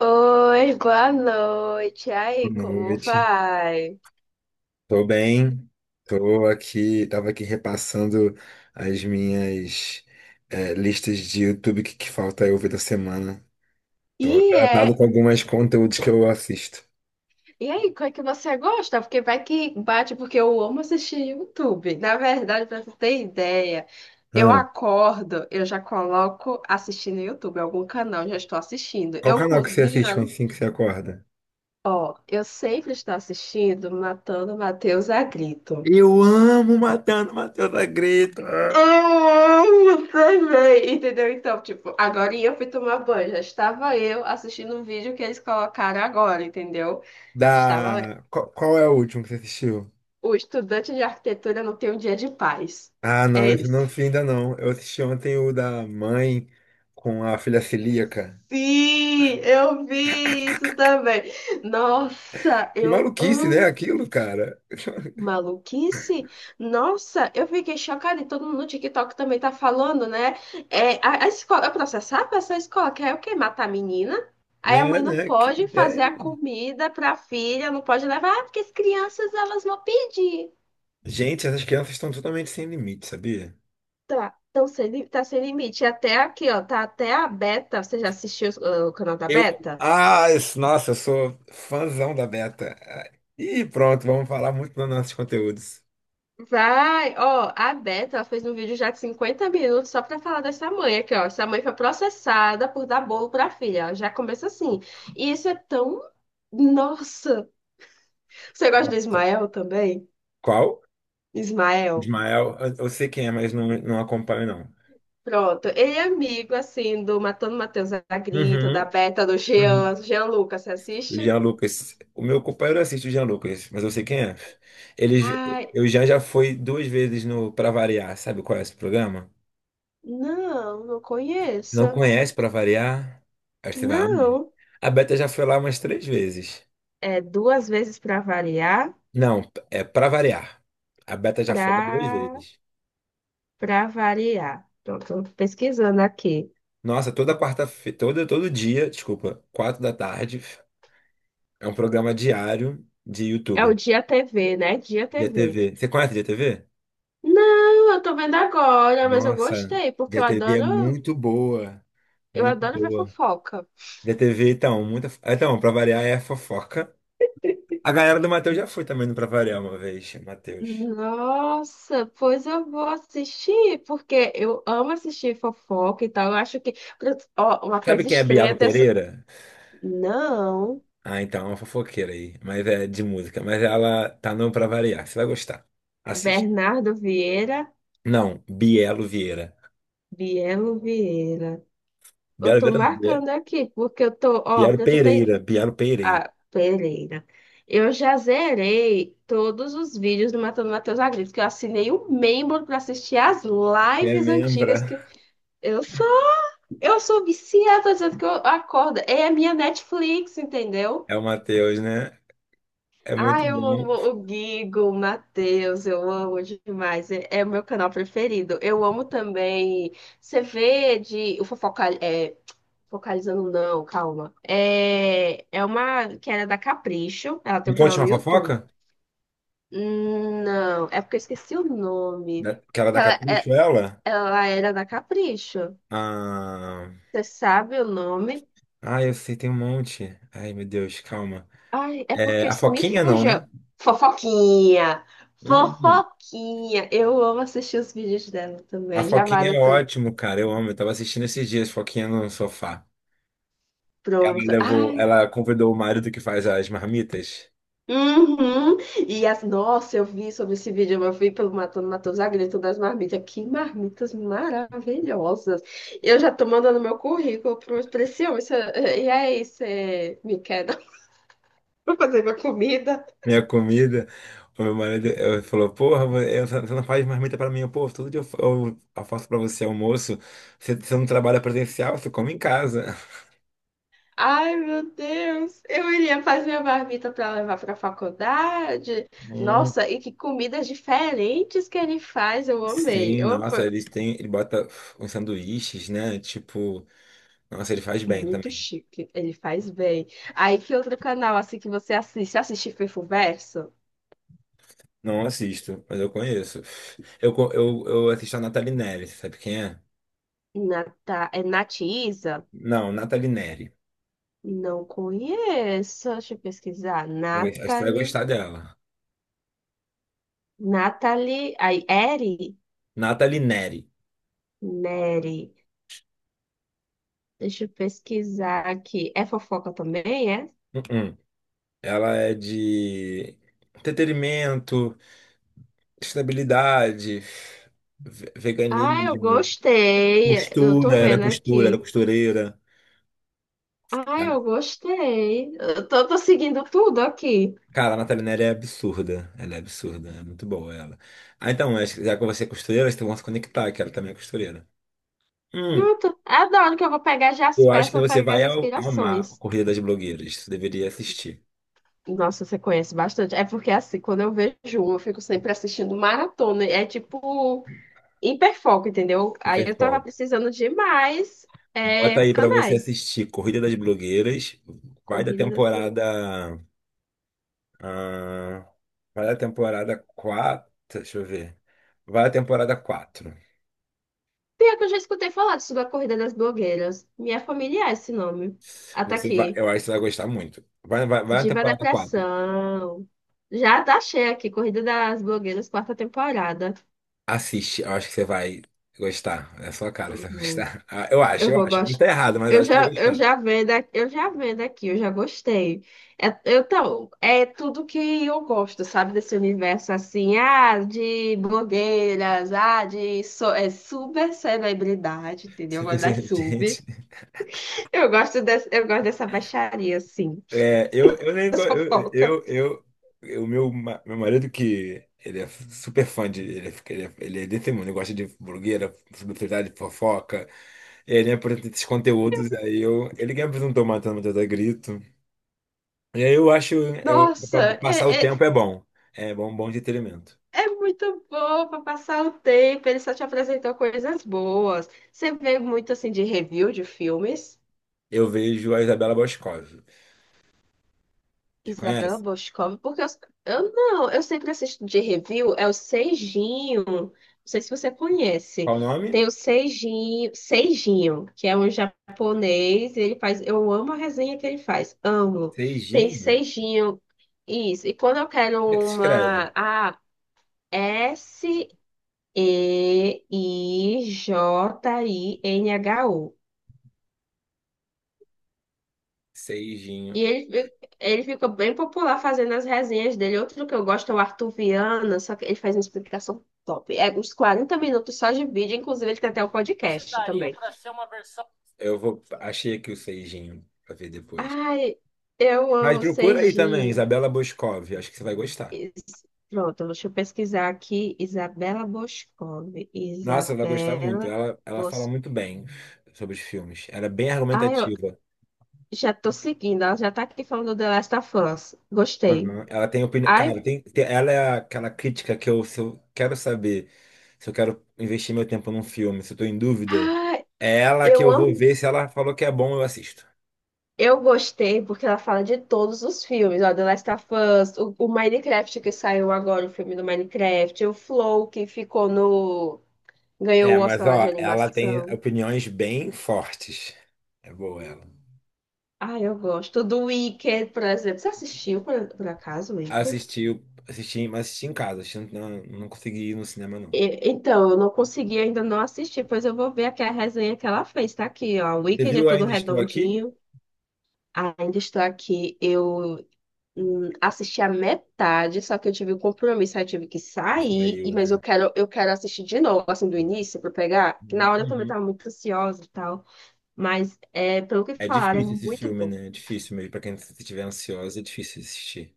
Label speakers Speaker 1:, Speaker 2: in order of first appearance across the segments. Speaker 1: Oi, boa noite. E aí,
Speaker 2: Boa
Speaker 1: como
Speaker 2: noite.
Speaker 1: vai?
Speaker 2: Tô bem. Tô aqui, tava aqui repassando as minhas listas de YouTube que falta eu ver da semana. Tô
Speaker 1: E
Speaker 2: atrasado
Speaker 1: é,
Speaker 2: com alguns conteúdos que eu assisto.
Speaker 1: e aí, qual é que você gosta? Porque vai que bate, porque eu amo assistir YouTube. Na verdade, pra você ter ideia,
Speaker 2: Ah,
Speaker 1: eu já coloco assistindo YouTube, algum canal, já estou assistindo.
Speaker 2: qual
Speaker 1: Eu
Speaker 2: canal que você assiste quando
Speaker 1: cozinho,
Speaker 2: assim que você acorda?
Speaker 1: ó, eu sempre estou assistindo Matando Matheus a Grito.
Speaker 2: Eu amo Matando Matheus da Greta.
Speaker 1: Eu também, entendeu? Então, tipo, agora eu fui tomar banho. Já estava eu assistindo um vídeo que eles colocaram agora, entendeu? Estava
Speaker 2: Qual, qual é o último que você assistiu?
Speaker 1: o estudante de arquitetura não tem um dia de paz.
Speaker 2: Ah,
Speaker 1: É
Speaker 2: não, esse
Speaker 1: isso.
Speaker 2: não vi ainda não. Eu assisti ontem o da mãe com a filha celíaca.
Speaker 1: Sim, eu vi isso também. Nossa,
Speaker 2: Que
Speaker 1: eu
Speaker 2: maluquice, né?
Speaker 1: amo.
Speaker 2: Aquilo, cara.
Speaker 1: Maluquice? Nossa, eu fiquei chocada e todo mundo no TikTok também tá falando, né? É, a escola, eu processava essa escola, quer o quê? Matar a menina? Aí a
Speaker 2: Né,
Speaker 1: mãe não
Speaker 2: né? Que
Speaker 1: pode fazer a
Speaker 2: ideia.
Speaker 1: comida pra filha, não pode levar, ah, porque as crianças elas vão pedir.
Speaker 2: Gente, essas crianças estão totalmente sem limite, sabia?
Speaker 1: Tá, então sem, li- tá sem limite. E até aqui, ó, tá até a Beta, você já assistiu, ah, o canal da
Speaker 2: Eu,
Speaker 1: Beta?
Speaker 2: Nossa, eu sou fãzão da Beta. E pronto, vamos falar muito dos nossos conteúdos.
Speaker 1: Vai, ó, a Beta, ela fez um vídeo já de 50 minutos só pra falar dessa mãe aqui, ó. Essa mãe foi processada por dar bolo pra filha, ó. Já começa assim. E isso é tão. Nossa! Você gosta do
Speaker 2: Nossa.
Speaker 1: Ismael também?
Speaker 2: Qual?
Speaker 1: Ismael.
Speaker 2: Ismael, eu sei quem é, mas não acompanho, não.
Speaker 1: Pronto. Ele é amigo, assim, do Matando Matheus da Grito, da
Speaker 2: Uhum,
Speaker 1: Beta, do
Speaker 2: uhum.
Speaker 1: Jean. Jean Lucas, você
Speaker 2: O
Speaker 1: assiste?
Speaker 2: Jean Lucas. O meu companheiro assiste o Jean Lucas, mas eu sei quem é. Ele,
Speaker 1: Ai,
Speaker 2: eu já foi duas vezes no Pra Variar, sabe qual é esse programa?
Speaker 1: não, não conheço.
Speaker 2: Não conhece para variar? Acho que você vai amar.
Speaker 1: Não.
Speaker 2: A Beta já foi lá umas três vezes.
Speaker 1: É duas vezes pra variar,
Speaker 2: Não, é para variar. A Beta já foi lá duas
Speaker 1: pra.
Speaker 2: vezes.
Speaker 1: Para variar. Pronto, tô pesquisando aqui.
Speaker 2: Nossa, toda quarta-feira, todo dia, desculpa, quatro da tarde, é um programa diário de
Speaker 1: É o
Speaker 2: YouTube,
Speaker 1: Dia TV, né? Dia
Speaker 2: de
Speaker 1: TV.
Speaker 2: ATV. Você conhece de ATV?
Speaker 1: Não, eu tô vendo agora, mas eu
Speaker 2: Nossa,
Speaker 1: gostei,
Speaker 2: de
Speaker 1: porque
Speaker 2: ATV é muito boa,
Speaker 1: eu
Speaker 2: muito
Speaker 1: adoro ver
Speaker 2: boa.
Speaker 1: fofoca.
Speaker 2: De ATV, então, muita. Então, para variar é fofoca. A galera do Matheus já foi também no Pra Variar uma vez, Matheus.
Speaker 1: Nossa, pois eu vou assistir, porque eu amo assistir fofoca e tal. Eu acho que, ó, uma
Speaker 2: Sabe
Speaker 1: coisa
Speaker 2: quem é
Speaker 1: estranha
Speaker 2: Bialo
Speaker 1: até so-
Speaker 2: Pereira?
Speaker 1: Não,
Speaker 2: Ah, então, é uma fofoqueira aí, mas é de música. Mas ela tá não pra variar. Você vai gostar. Assista.
Speaker 1: Bernardo Vieira,
Speaker 2: Não, Bielo Vieira.
Speaker 1: Bielo Vieira. Eu
Speaker 2: Bielo
Speaker 1: tô
Speaker 2: Vieira não, Bie-
Speaker 1: marcando aqui, porque eu tô, ó,
Speaker 2: Bielo
Speaker 1: pra tu ter.
Speaker 2: Pereira. Bielo Pereira.
Speaker 1: Ah, Pereira. Eu já zerei todos os vídeos do Matando Matheus Agripto, que eu assinei o membro para assistir as lives antigas que
Speaker 2: Remembra?
Speaker 1: eu sou, eu sou viciada, dizendo que eu acordo. É a minha Netflix, entendeu?
Speaker 2: É o Matheus, né? É
Speaker 1: Ah,
Speaker 2: muito
Speaker 1: eu
Speaker 2: bom.
Speaker 1: amo o Gigo, o Matheus, eu amo demais. É, é o meu canal preferido. Eu amo também. Você vê de o fofoca, é, focalizando não, calma. É, é uma que era da Capricho. Ela tem
Speaker 2: Me
Speaker 1: um canal
Speaker 2: conte
Speaker 1: no
Speaker 2: uma
Speaker 1: YouTube.
Speaker 2: fofoca?
Speaker 1: Não, é porque eu esqueci o nome.
Speaker 2: Que ela dá
Speaker 1: Ela, é-
Speaker 2: capricho, ela?
Speaker 1: ela era da Capricho.
Speaker 2: Ah,
Speaker 1: Você sabe o nome?
Speaker 2: eu sei, tem um monte. Ai, meu Deus, calma.
Speaker 1: Ai, é
Speaker 2: É,
Speaker 1: porque
Speaker 2: a
Speaker 1: me
Speaker 2: Foquinha não, né?
Speaker 1: fuja. Fofoquinha!
Speaker 2: Hum, hum.
Speaker 1: Fofoquinha! Eu amo assistir os vídeos dela
Speaker 2: A
Speaker 1: também. Já
Speaker 2: Foquinha
Speaker 1: vale
Speaker 2: é
Speaker 1: tanto.
Speaker 2: ótimo, cara. Eu amo. Eu tava assistindo esses dias, Foquinha no sofá.
Speaker 1: Pronto. Ai.
Speaker 2: Ela convidou o marido que faz as marmitas,
Speaker 1: Uhum. E as, nossa, eu vi sobre esse vídeo, eu vi pelo Matando Matheus a Grito das marmitas. Que marmitas maravilhosas. Eu já tô mandando meu currículo para esse homem. Isso é- E aí, você me quer dar pra fazer minha comida?
Speaker 2: minha comida. O meu marido falou: Porra, você não faz marmita pra mim, todo dia eu faço pra você almoço. Você não trabalha presencial, você come em casa.
Speaker 1: Ai, meu Deus. Eu iria fazer minha marmita para levar para a faculdade.
Speaker 2: Hum,
Speaker 1: Nossa, e que comidas diferentes que ele faz. Eu amei.
Speaker 2: sim,
Speaker 1: Eu amo.
Speaker 2: nossa, ele bota uns sanduíches, né? Tipo, nossa, ele faz bem
Speaker 1: Muito
Speaker 2: também.
Speaker 1: chique. Ele faz bem. Aí, que outro canal, assim, que você assiste? Você assiste Fifuverso?
Speaker 2: Não assisto, mas eu conheço. Eu assisto a Nathalie Neri, você sabe quem é?
Speaker 1: Nata... É Natiza?
Speaker 2: Não, Nathalie Neri.
Speaker 1: Não conheço. Deixa eu pesquisar.
Speaker 2: Acho que você vai
Speaker 1: Natalie.
Speaker 2: gostar dela.
Speaker 1: Natalie. Aí, Eri?
Speaker 2: Nathalie Neri.
Speaker 1: Neri. Deixa eu pesquisar aqui. É fofoca também, é?
Speaker 2: Uh-uh. Ela é de entretenimento, estabilidade,
Speaker 1: Ah, eu
Speaker 2: veganismo,
Speaker 1: gostei. Eu
Speaker 2: costura.
Speaker 1: tô
Speaker 2: Ela é
Speaker 1: vendo
Speaker 2: costura, ela é
Speaker 1: aqui.
Speaker 2: costureira.
Speaker 1: Ah,
Speaker 2: Ela-
Speaker 1: eu gostei. Eu tô seguindo tudo aqui.
Speaker 2: Cara, a Natalina é absurda. Ela é absurda, é muito boa ela. Ah, então, acho que já que você é costureira, vocês vão se conectar, que ela também é costureira. Hum,
Speaker 1: Pronto. Adoro que eu vou pegar já as
Speaker 2: eu acho
Speaker 1: peças,
Speaker 2: que
Speaker 1: vou pegar as
Speaker 2: amar a
Speaker 1: inspirações.
Speaker 2: Corrida das Blogueiras. Você deveria assistir.
Speaker 1: Nossa, você conhece bastante. É porque assim, quando eu vejo uma, eu fico sempre assistindo maratona. É tipo hiperfoco, entendeu?
Speaker 2: E
Speaker 1: Aí eu tava
Speaker 2: fofoca.
Speaker 1: precisando de mais é,
Speaker 2: Bota aí pra você
Speaker 1: canais.
Speaker 2: assistir Corrida das Blogueiras. Vai da
Speaker 1: Corrida das blogueiras.
Speaker 2: temporada. Ah, vai da temporada quatro. Deixa eu ver. Vai da temporada quatro.
Speaker 1: Pior que eu já escutei falar disso da Corrida das Blogueiras. Minha família é esse nome. Ah, tá
Speaker 2: Você vai,
Speaker 1: aqui.
Speaker 2: eu acho que você vai gostar muito. Vai na
Speaker 1: Diva
Speaker 2: temporada quatro.
Speaker 1: Depressão. Já tá cheia aqui, Corrida das Blogueiras, quarta temporada.
Speaker 2: Assiste, eu acho que você vai gostar. É a sua cara, você vai
Speaker 1: Uhum.
Speaker 2: gostar. Ah,
Speaker 1: Eu
Speaker 2: eu
Speaker 1: vou
Speaker 2: acho. Pode estar
Speaker 1: gostar.
Speaker 2: errado, mas eu
Speaker 1: Eu
Speaker 2: acho que você
Speaker 1: já,
Speaker 2: vai
Speaker 1: eu
Speaker 2: gostar.
Speaker 1: já vendo aqui, eu já vendo aqui, eu já gostei. É, eu, então, é tudo que eu gosto, sabe, desse universo assim, ah, de blogueiras, ah, de so, é, super celebridade, entendeu?
Speaker 2: Você
Speaker 1: Eu gosto
Speaker 2: pensa,
Speaker 1: das
Speaker 2: gente.
Speaker 1: subs. Eu gosto dessa baixaria, assim,
Speaker 2: É, eu nem go-
Speaker 1: dessa fofoca.
Speaker 2: eu- O meu, meu marido que ele é super fã de, ele é desse mundo, ele gosta de blogueira, celebridade, fofoca, e ele me apresenta esses conteúdos, ele que me apresentou Matando Matheus a Grito, e aí eu acho, eu, pra
Speaker 1: Nossa,
Speaker 2: passar o
Speaker 1: é,
Speaker 2: tempo
Speaker 1: é,
Speaker 2: é bom, bom entretenimento.
Speaker 1: é muito bom para passar o tempo. Ele só te apresentou coisas boas. Você vê muito assim de review de filmes.
Speaker 2: Eu vejo a Isabela Boscov, você
Speaker 1: Isabela
Speaker 2: conhece?
Speaker 1: Boscov, porque eu não, eu sempre assisto de review, é o Seijinho, não sei se você conhece,
Speaker 2: Qual o nome?
Speaker 1: tem o Seijinho, Seijinho, que é um japonês, ele faz, eu amo a resenha que ele faz, amo. Tem
Speaker 2: Seijinho?
Speaker 1: Seijinho, isso, e quando eu quero
Speaker 2: Como é que se escreve?
Speaker 1: uma, a S-E-I-J-I-N-H-U,
Speaker 2: Seijinho,
Speaker 1: e ele, fi- ele ficou bem popular fazendo as resenhas dele. Outro que eu gosto é o Arthur Viana, só que ele faz uma explicação top. É uns 40 minutos só de vídeo, inclusive ele tem até o podcast também.
Speaker 2: eu vou, achei aqui o Seijinho, pra ver depois.
Speaker 1: Ai, eu
Speaker 2: Mas
Speaker 1: amo
Speaker 2: procura aí também,
Speaker 1: Serginho.
Speaker 2: Isabela Boscov, acho que você vai gostar.
Speaker 1: Is- Pronto, deixa eu pesquisar aqui. Isabela Boscov.
Speaker 2: Nossa, vai gostar muito.
Speaker 1: Isabela
Speaker 2: Ela fala
Speaker 1: Bos...
Speaker 2: muito bem sobre os filmes. Ela é bem
Speaker 1: Ai, eu
Speaker 2: argumentativa.
Speaker 1: já tô seguindo, ela já tá aqui falando do The Last of Us. Gostei.
Speaker 2: Aham. Ela tem opinião.
Speaker 1: Ai,
Speaker 2: Cara, ela é aquela crítica que eu, se eu quero saber se eu quero investir meu tempo num filme, se eu tô em dúvida,
Speaker 1: ai,
Speaker 2: é ela que
Speaker 1: eu
Speaker 2: eu vou
Speaker 1: amo.
Speaker 2: ver. Se ela falou que é bom, eu assisto.
Speaker 1: Eu gostei porque ela fala de todos os filmes, ó, The Last of Us, o Minecraft que saiu agora, o filme do Minecraft, o Flow que ficou no... ganhou
Speaker 2: É,
Speaker 1: o
Speaker 2: mas
Speaker 1: Oscar lá de
Speaker 2: ó, ela tem
Speaker 1: animação.
Speaker 2: opiniões bem fortes. É boa ela.
Speaker 1: Ah, eu gosto. Do Wicked, por exemplo. Você assistiu, por acaso, o Wicked?
Speaker 2: Assisti, assisti, mas assisti em casa, não, não consegui ir no cinema, não.
Speaker 1: E- então, eu não consegui ainda não assistir, pois eu vou ver aqui a resenha que ela fez. Tá aqui, ó. O
Speaker 2: Você
Speaker 1: Wicked é
Speaker 2: viu
Speaker 1: todo
Speaker 2: Ainda Estou Aqui?
Speaker 1: redondinho. Ainda estou aqui. Eu assisti a metade, só que eu tive um compromisso, aí eu tive que
Speaker 2: Acho que era
Speaker 1: sair, e-
Speaker 2: eu,
Speaker 1: mas
Speaker 2: né?
Speaker 1: eu quero assistir de novo, assim, do início, pra pegar, que na hora eu também
Speaker 2: Uhum.
Speaker 1: tava muito ansiosa e tal, mas é, pelo que
Speaker 2: É
Speaker 1: falaram, é
Speaker 2: difícil esse
Speaker 1: muito
Speaker 2: filme,
Speaker 1: bom.
Speaker 2: né? É difícil mesmo. Pra quem estiver ansiosa, é difícil assistir.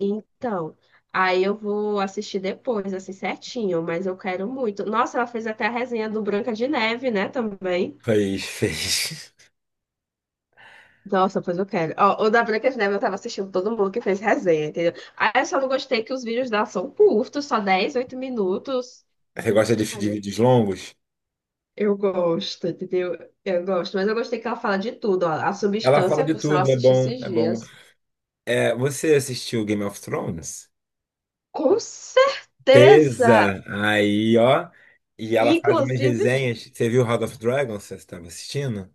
Speaker 1: Então, aí eu vou assistir depois, assim, certinho, mas eu quero muito. Nossa, ela fez até a resenha do Branca de Neve, né, também.
Speaker 2: Fez, fez.
Speaker 1: Nossa, pois eu quero. Ó, o da Branca de Neve eu tava assistindo todo mundo que fez resenha, entendeu? Aí eu só não gostei que os vídeos dela são curtos, só 10, 8 minutos.
Speaker 2: Você gosta de vídeos longos?
Speaker 1: Eu gosto, entendeu? Eu gosto, mas eu gostei que ela fala de tudo, ó. A
Speaker 2: Ela fala
Speaker 1: substância,
Speaker 2: de
Speaker 1: por sinal, eu
Speaker 2: tudo, é
Speaker 1: assisti
Speaker 2: bom,
Speaker 1: esses
Speaker 2: é bom.
Speaker 1: dias.
Speaker 2: É, você assistiu Game of Thrones?
Speaker 1: Com certeza!
Speaker 2: Tesa! Aí, ó. E ela faz umas
Speaker 1: Inclusive. Os-
Speaker 2: resenhas. Você viu House of Dragons? Você estava assistindo?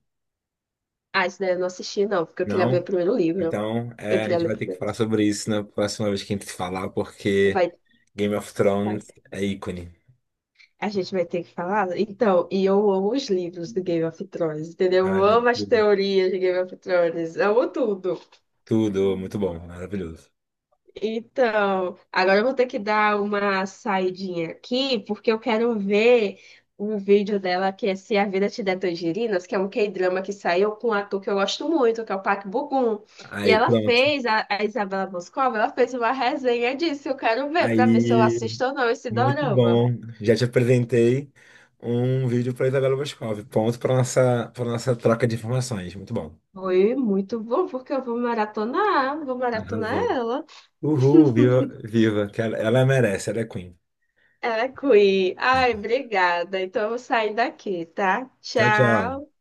Speaker 1: Ah, isso daí eu não assisti, não, porque eu queria
Speaker 2: Não?
Speaker 1: ver primeiro o livro.
Speaker 2: Então,
Speaker 1: Eu
Speaker 2: é, a
Speaker 1: queria
Speaker 2: gente
Speaker 1: ler
Speaker 2: vai ter que
Speaker 1: primeiro.
Speaker 2: falar sobre isso na próxima vez que a gente se falar, porque
Speaker 1: Vai,
Speaker 2: Game of
Speaker 1: vai.
Speaker 2: Thrones é ícone.
Speaker 1: A gente vai ter que falar? Então, e eu amo os livros do Game of Thrones, entendeu? Eu
Speaker 2: Olha,
Speaker 1: amo as
Speaker 2: tudo,
Speaker 1: teorias de Game of Thrones, eu amo tudo.
Speaker 2: tudo, muito bom, maravilhoso.
Speaker 1: Então, agora eu vou ter que dar uma saidinha aqui, porque eu quero ver um vídeo dela que é Se a Vida Te Der Tangerinas, que é um K-drama que saiu com um ator que eu gosto muito, que é o Park Bo-gum. E
Speaker 2: Aí,
Speaker 1: ela
Speaker 2: pronto.
Speaker 1: fez, a Isabela Boscova, ela fez uma resenha disso, eu quero ver, pra ver se eu
Speaker 2: Aí,
Speaker 1: assisto ou não esse
Speaker 2: muito
Speaker 1: dorama.
Speaker 2: bom. Já te apresentei um vídeo para Isabela Boscov. Ponto para nossa troca de informações. Muito bom.
Speaker 1: Foi muito bom, porque eu vou maratonar
Speaker 2: Arrasou.
Speaker 1: ela.
Speaker 2: Uhul, viva, viva, que ela merece, ela é queen.
Speaker 1: Ela é Queen. Ai, obrigada. Então eu vou sair daqui, tá?
Speaker 2: Tchau, tchau.
Speaker 1: Tchau.